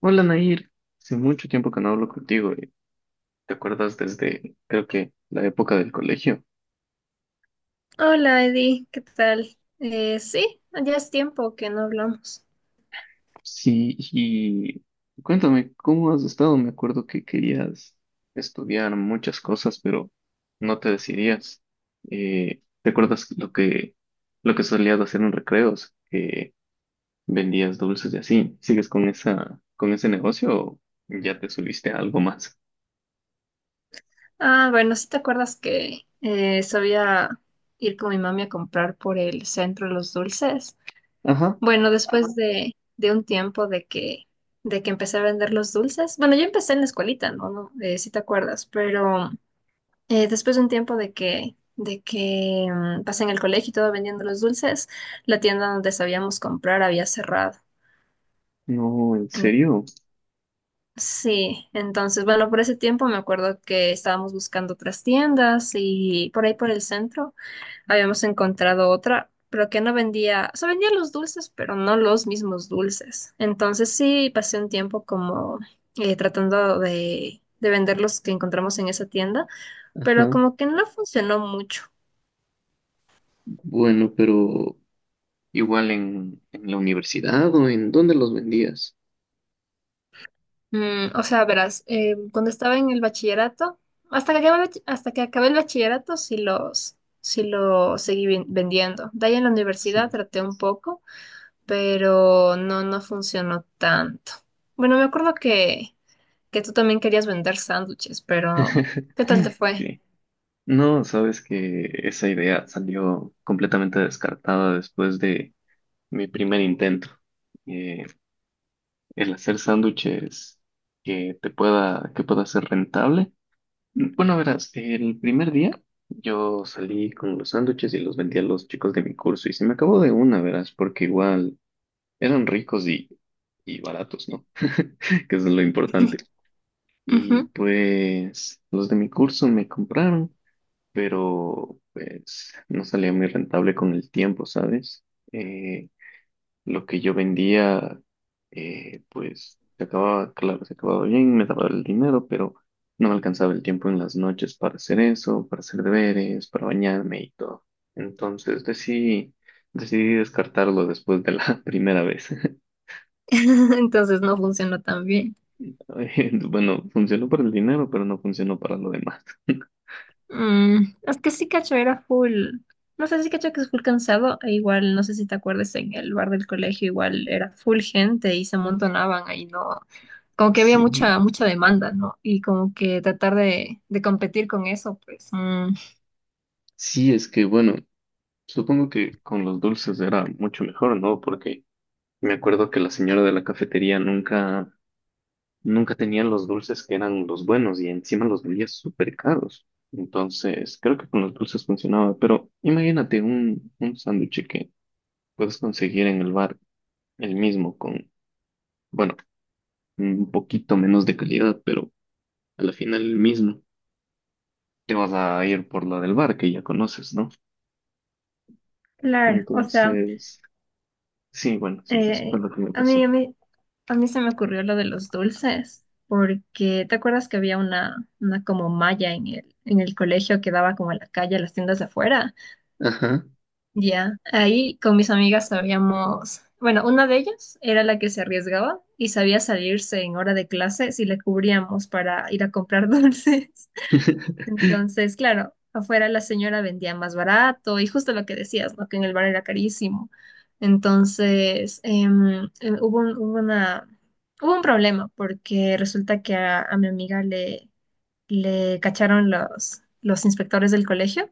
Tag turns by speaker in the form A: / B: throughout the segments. A: Hola Nair, hace mucho tiempo que no hablo contigo. ¿Te acuerdas desde, creo que, la época del colegio?
B: Hola Eddie, ¿qué tal? Sí, ya es tiempo que no hablamos.
A: Sí, y cuéntame, ¿cómo has estado? Me acuerdo que querías estudiar muchas cosas, pero no te decidías. ¿Te acuerdas lo que solías hacer en recreos? Que vendías dulces y así. ¿Sigues con con ese negocio o ya te subiste a algo más?
B: Ah, bueno, ¿si te acuerdas que sabía ir con mi mami a comprar por el centro los dulces?
A: Ajá.
B: Bueno, después de un tiempo de que empecé a vender los dulces, bueno, yo empecé en la escuelita, ¿no? No si te acuerdas, pero después de un tiempo de que pasé en el colegio y todo vendiendo los dulces, la tienda donde sabíamos comprar había cerrado.
A: No, ¿en serio?
B: Sí, entonces, bueno, por ese tiempo me acuerdo que estábamos buscando otras tiendas y por ahí por el centro habíamos encontrado otra, pero que no vendía, o sea, vendía los dulces, pero no los mismos dulces. Entonces sí, pasé un tiempo como tratando de vender los que encontramos en esa tienda, pero
A: Ajá.
B: como que no funcionó mucho.
A: Bueno, pero... Igual en la universidad o en dónde los vendías.
B: O sea, verás, cuando estaba en el bachillerato, hasta que acabé, hasta que acabé el bachillerato, sí lo seguí vendiendo. De ahí en la
A: Sí.
B: universidad traté un poco, pero no, no funcionó tanto. Bueno, me acuerdo que tú también querías vender sándwiches, pero ¿qué tal te fue?
A: Sí. No, sabes que esa idea salió completamente descartada después de mi primer intento. Eh, el hacer sándwiches que pueda ser rentable. Bueno, verás, el primer día yo salí con los sándwiches y los vendí a los chicos de mi curso y se me acabó de una, verás, porque igual eran ricos y baratos, ¿no? Que eso es lo importante. Y
B: Ujú.
A: pues los de mi curso me compraron, pero pues no salía muy rentable con el tiempo, ¿sabes? Eh, lo que yo vendía, pues se acababa, claro, se acababa bien, me daba el dinero, pero no me alcanzaba el tiempo en las noches para hacer eso, para hacer deberes, para bañarme y todo. Entonces decidí, decidí descartarlo después de la primera vez.
B: Entonces no funcionó tan bien.
A: Bueno, funcionó para el dinero, pero no funcionó para lo demás.
B: Es que sí, cacho, era full. No sé si cacho que es full cansado, e igual, no sé si te acuerdas, en el bar del colegio igual era full gente y se amontonaban ahí, ¿no? Como que había
A: Sí.
B: mucha demanda, ¿no? Y como que tratar de competir con eso, pues. Mm.
A: Sí, es que bueno, supongo que con los dulces era mucho mejor, ¿no? Porque me acuerdo que la señora de la cafetería nunca tenía los dulces que eran los buenos y encima los vendía súper caros. Entonces, creo que con los dulces funcionaba, pero imagínate un sándwich que puedes conseguir en el bar el mismo con, bueno, un poquito menos de calidad, pero a la final el mismo. Te vas a ir por la del bar que ya conoces, ¿no?
B: Claro, o sea,
A: Entonces, sí, bueno, sí, eso fue
B: eh,
A: lo que me
B: a mí,
A: pasó.
B: a mí, a mí se me ocurrió lo de los dulces, porque ¿te acuerdas que había una como malla en en el colegio que daba como a la calle, a las tiendas de afuera?
A: Ajá.
B: Ya, ahí con mis amigas sabíamos, bueno, una de ellas era la que se arriesgaba y sabía salirse en hora de clase si le cubríamos para ir a comprar dulces. Entonces, claro, afuera la señora vendía más barato y justo lo que decías, ¿no? Que en el bar era carísimo. Entonces, hubo un problema porque resulta que a mi amiga le cacharon los inspectores del colegio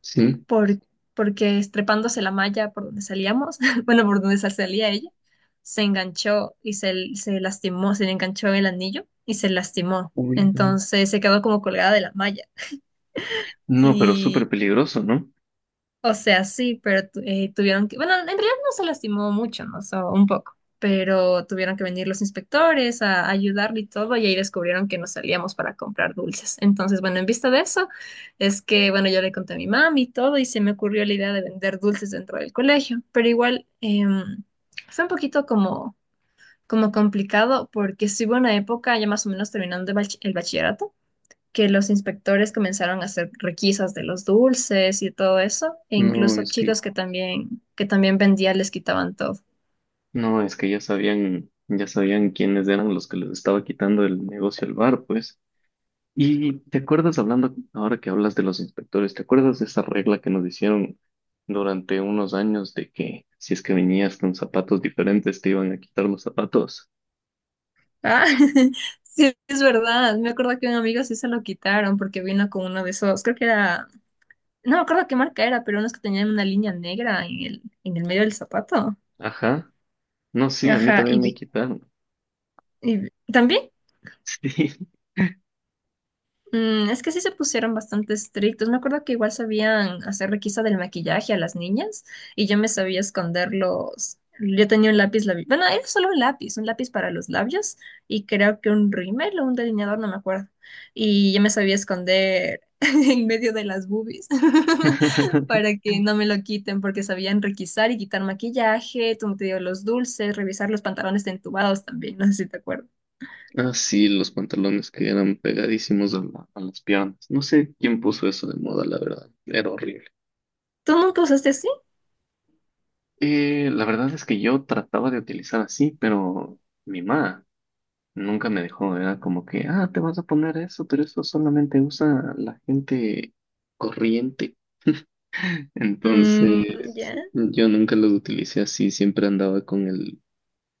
A: Sí.
B: por- porque estrepándose la malla por donde salíamos, bueno, por donde salía ella, se enganchó se lastimó, se le enganchó el anillo y se lastimó.
A: Uy, no.
B: Entonces se quedó como colgada de la malla,
A: No, pero súper peligroso, ¿no?
B: o sea, sí, pero tuvieron que, bueno, en realidad no se lastimó mucho, ¿no? So, un poco, pero tuvieron que venir los inspectores a ayudarle y todo, y ahí descubrieron que nos salíamos para comprar dulces. Entonces, bueno, en vista de eso, es que, bueno, yo le conté a mi mami y todo, y se me ocurrió la idea de vender dulces dentro del colegio, pero igual fue un poquito como complicado, porque sí hubo una época, ya más o menos terminando el bachillerato que los inspectores comenzaron a hacer requisas de los dulces y todo eso, e
A: No,
B: incluso
A: es que,
B: chicos que también vendían les quitaban todo.
A: no, es que ya sabían quiénes eran los que les estaba quitando el negocio al bar, pues. Y te acuerdas hablando, ahora que hablas de los inspectores, ¿te acuerdas de esa regla que nos hicieron durante unos años de que si es que venías con zapatos diferentes te iban a quitar los zapatos?
B: Ah, sí, es verdad. Me acuerdo que un amigo sí se lo quitaron porque vino con uno de esos, creo que era, no me acuerdo qué marca era, pero unos que tenían una línea negra en en el medio del zapato.
A: Ajá. No, sí, a mí
B: Ajá,
A: también me quitaron.
B: también.
A: Sí.
B: Es que sí se pusieron bastante estrictos. Me acuerdo que igual sabían hacer requisa del maquillaje a las niñas y yo me sabía esconder Yo tenía un lápiz labial. Bueno, era solo un lápiz para los labios y creo que un rímel o un delineador, no me acuerdo. Y yo me sabía esconder en medio de las boobies para que no me lo quiten porque sabían requisar y quitar maquillaje, tú te digo, los dulces, revisar los pantalones de entubados también, no sé si te acuerdas.
A: Ah, sí, los pantalones que eran pegadísimos a las piernas. No sé quién puso eso de moda, la verdad. Era horrible.
B: ¿Tú nunca usaste así?
A: La verdad es que yo trataba de utilizar así, pero mi mamá nunca me dejó. Era como que, ah, te vas a poner eso, pero eso solamente usa la gente corriente.
B: Mm,
A: Entonces,
B: ya.
A: yo nunca los utilicé así. Siempre andaba con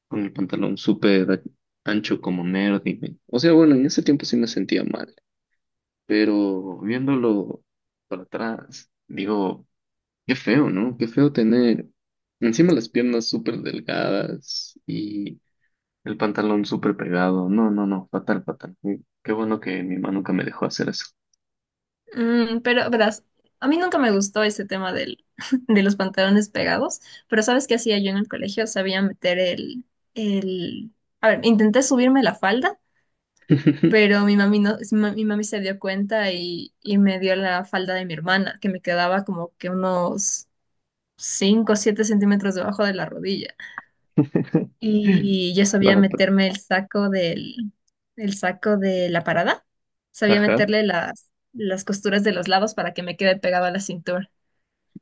A: con el pantalón súper ancho como nerd. O sea, bueno, en ese tiempo sí me sentía mal, pero viéndolo para atrás, digo, qué feo, ¿no? Qué feo tener encima las piernas súper delgadas y el pantalón súper pegado. No, no, no, fatal, fatal. Y qué bueno que mi mamá nunca me dejó hacer eso.
B: Pero verás, a mí nunca me gustó ese tema del, de los pantalones pegados, pero ¿sabes qué hacía yo en el colegio? Sabía meter el... A ver, intenté subirme la falda, pero mi mami no, mi mami se dio cuenta y me dio la falda de mi hermana, que me quedaba como que unos 5 o 7 centímetros debajo de la rodilla. Y yo sabía
A: Para, para-
B: meterme el saco de la parada, sabía
A: ajá,
B: meterle las costuras de los lados para que me quede pegado a la cintura.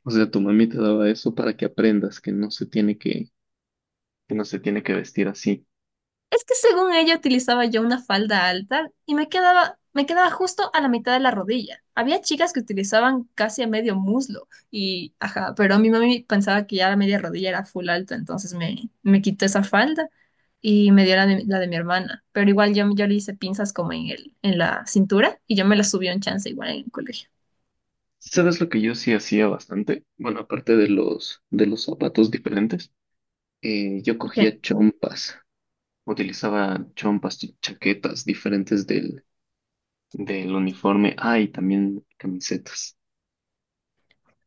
A: o sea, tu mami te daba eso para que aprendas que no se tiene que vestir así.
B: Es que según ella utilizaba yo una falda alta y me quedaba justo a la mitad de la rodilla. Había chicas que utilizaban casi a medio muslo y, ajá, pero mi mami pensaba que ya la media rodilla era full alta, entonces me quitó esa falda y me dio la de mi hermana. Pero igual yo le hice pinzas como en en la cintura y yo me la subí un chance igual en el colegio.
A: ¿Sabes lo que yo sí hacía bastante? Bueno, aparte de de los zapatos diferentes, yo
B: Ok.
A: cogía chompas. Utilizaba chompas, chaquetas diferentes del uniforme. Ah, y también camisetas.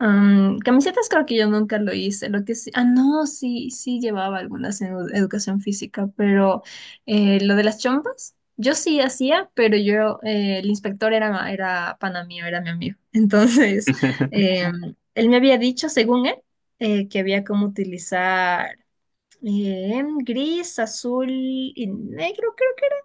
B: Camisetas creo que yo nunca lo hice, lo que sí, ah, no, sí, sí llevaba algunas en educación física, pero lo de las chompas, yo sí hacía, pero yo, el inspector era, era pana mío, era mi amigo, entonces, él me había dicho, según él, que había como utilizar gris, azul y negro, creo que era,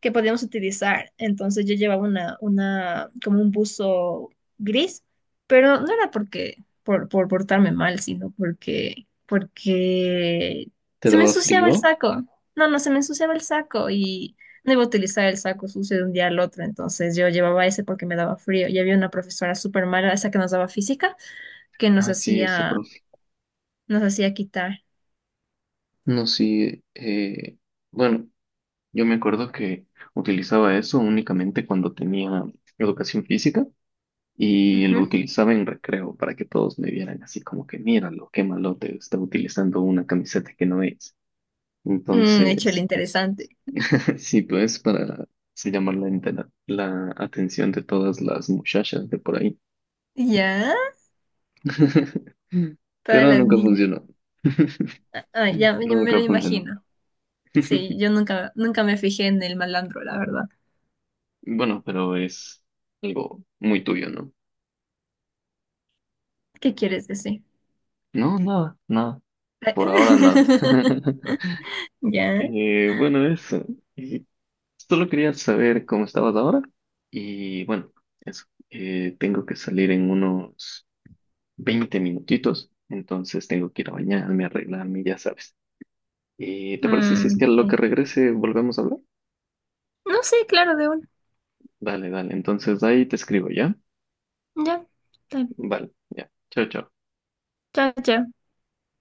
B: que podíamos utilizar. Entonces yo llevaba como un buzo gris, pero no era porque, por portarme mal, sino porque, porque
A: ¿Te
B: se me
A: daba
B: ensuciaba el
A: frío?
B: saco. No, no, se me ensuciaba el saco y no iba a utilizar el saco sucio de un día al otro. Entonces yo llevaba ese porque me daba frío. Y había una profesora súper mala, esa que nos daba física, que
A: Ah, sí, esa profe.
B: nos hacía quitar.
A: No, sí. Bueno, yo me acuerdo que utilizaba eso únicamente cuando tenía educación física y lo
B: Ujú.
A: utilizaba en recreo para que todos me vieran así como que, míralo, qué malote, está utilizando una camiseta que no es.
B: Hecho el
A: Entonces...
B: interesante.
A: Sí, pues para se llamar la atención de todas las muchachas de por ahí.
B: Ya, para
A: Pero
B: las
A: nunca
B: niñas.
A: funcionó.
B: Ah, ah, ya, ya me lo
A: Nunca funcionó.
B: imagino. Sí, yo nunca, nunca me fijé en el malandro, la verdad.
A: Bueno, pero es algo muy tuyo, ¿no?
B: ¿Qué quieres decir?
A: No, nada, nada. Por ahora nada.
B: Ya.
A: Bueno, eso. Y solo quería saber cómo estabas ahora. Y bueno, eso. Tengo que salir en unos 20 minutitos. Entonces tengo que ir a bañarme, arreglarme, ya sabes. ¿Y te parece si es que a lo que
B: Sí.
A: regrese volvemos a hablar?
B: No sé, claro, de una.
A: Dale, dale. Entonces ahí te escribo, ¿ya?
B: Ya. Está bien.
A: Vale, ya. Chao, chao.
B: Chao, chao.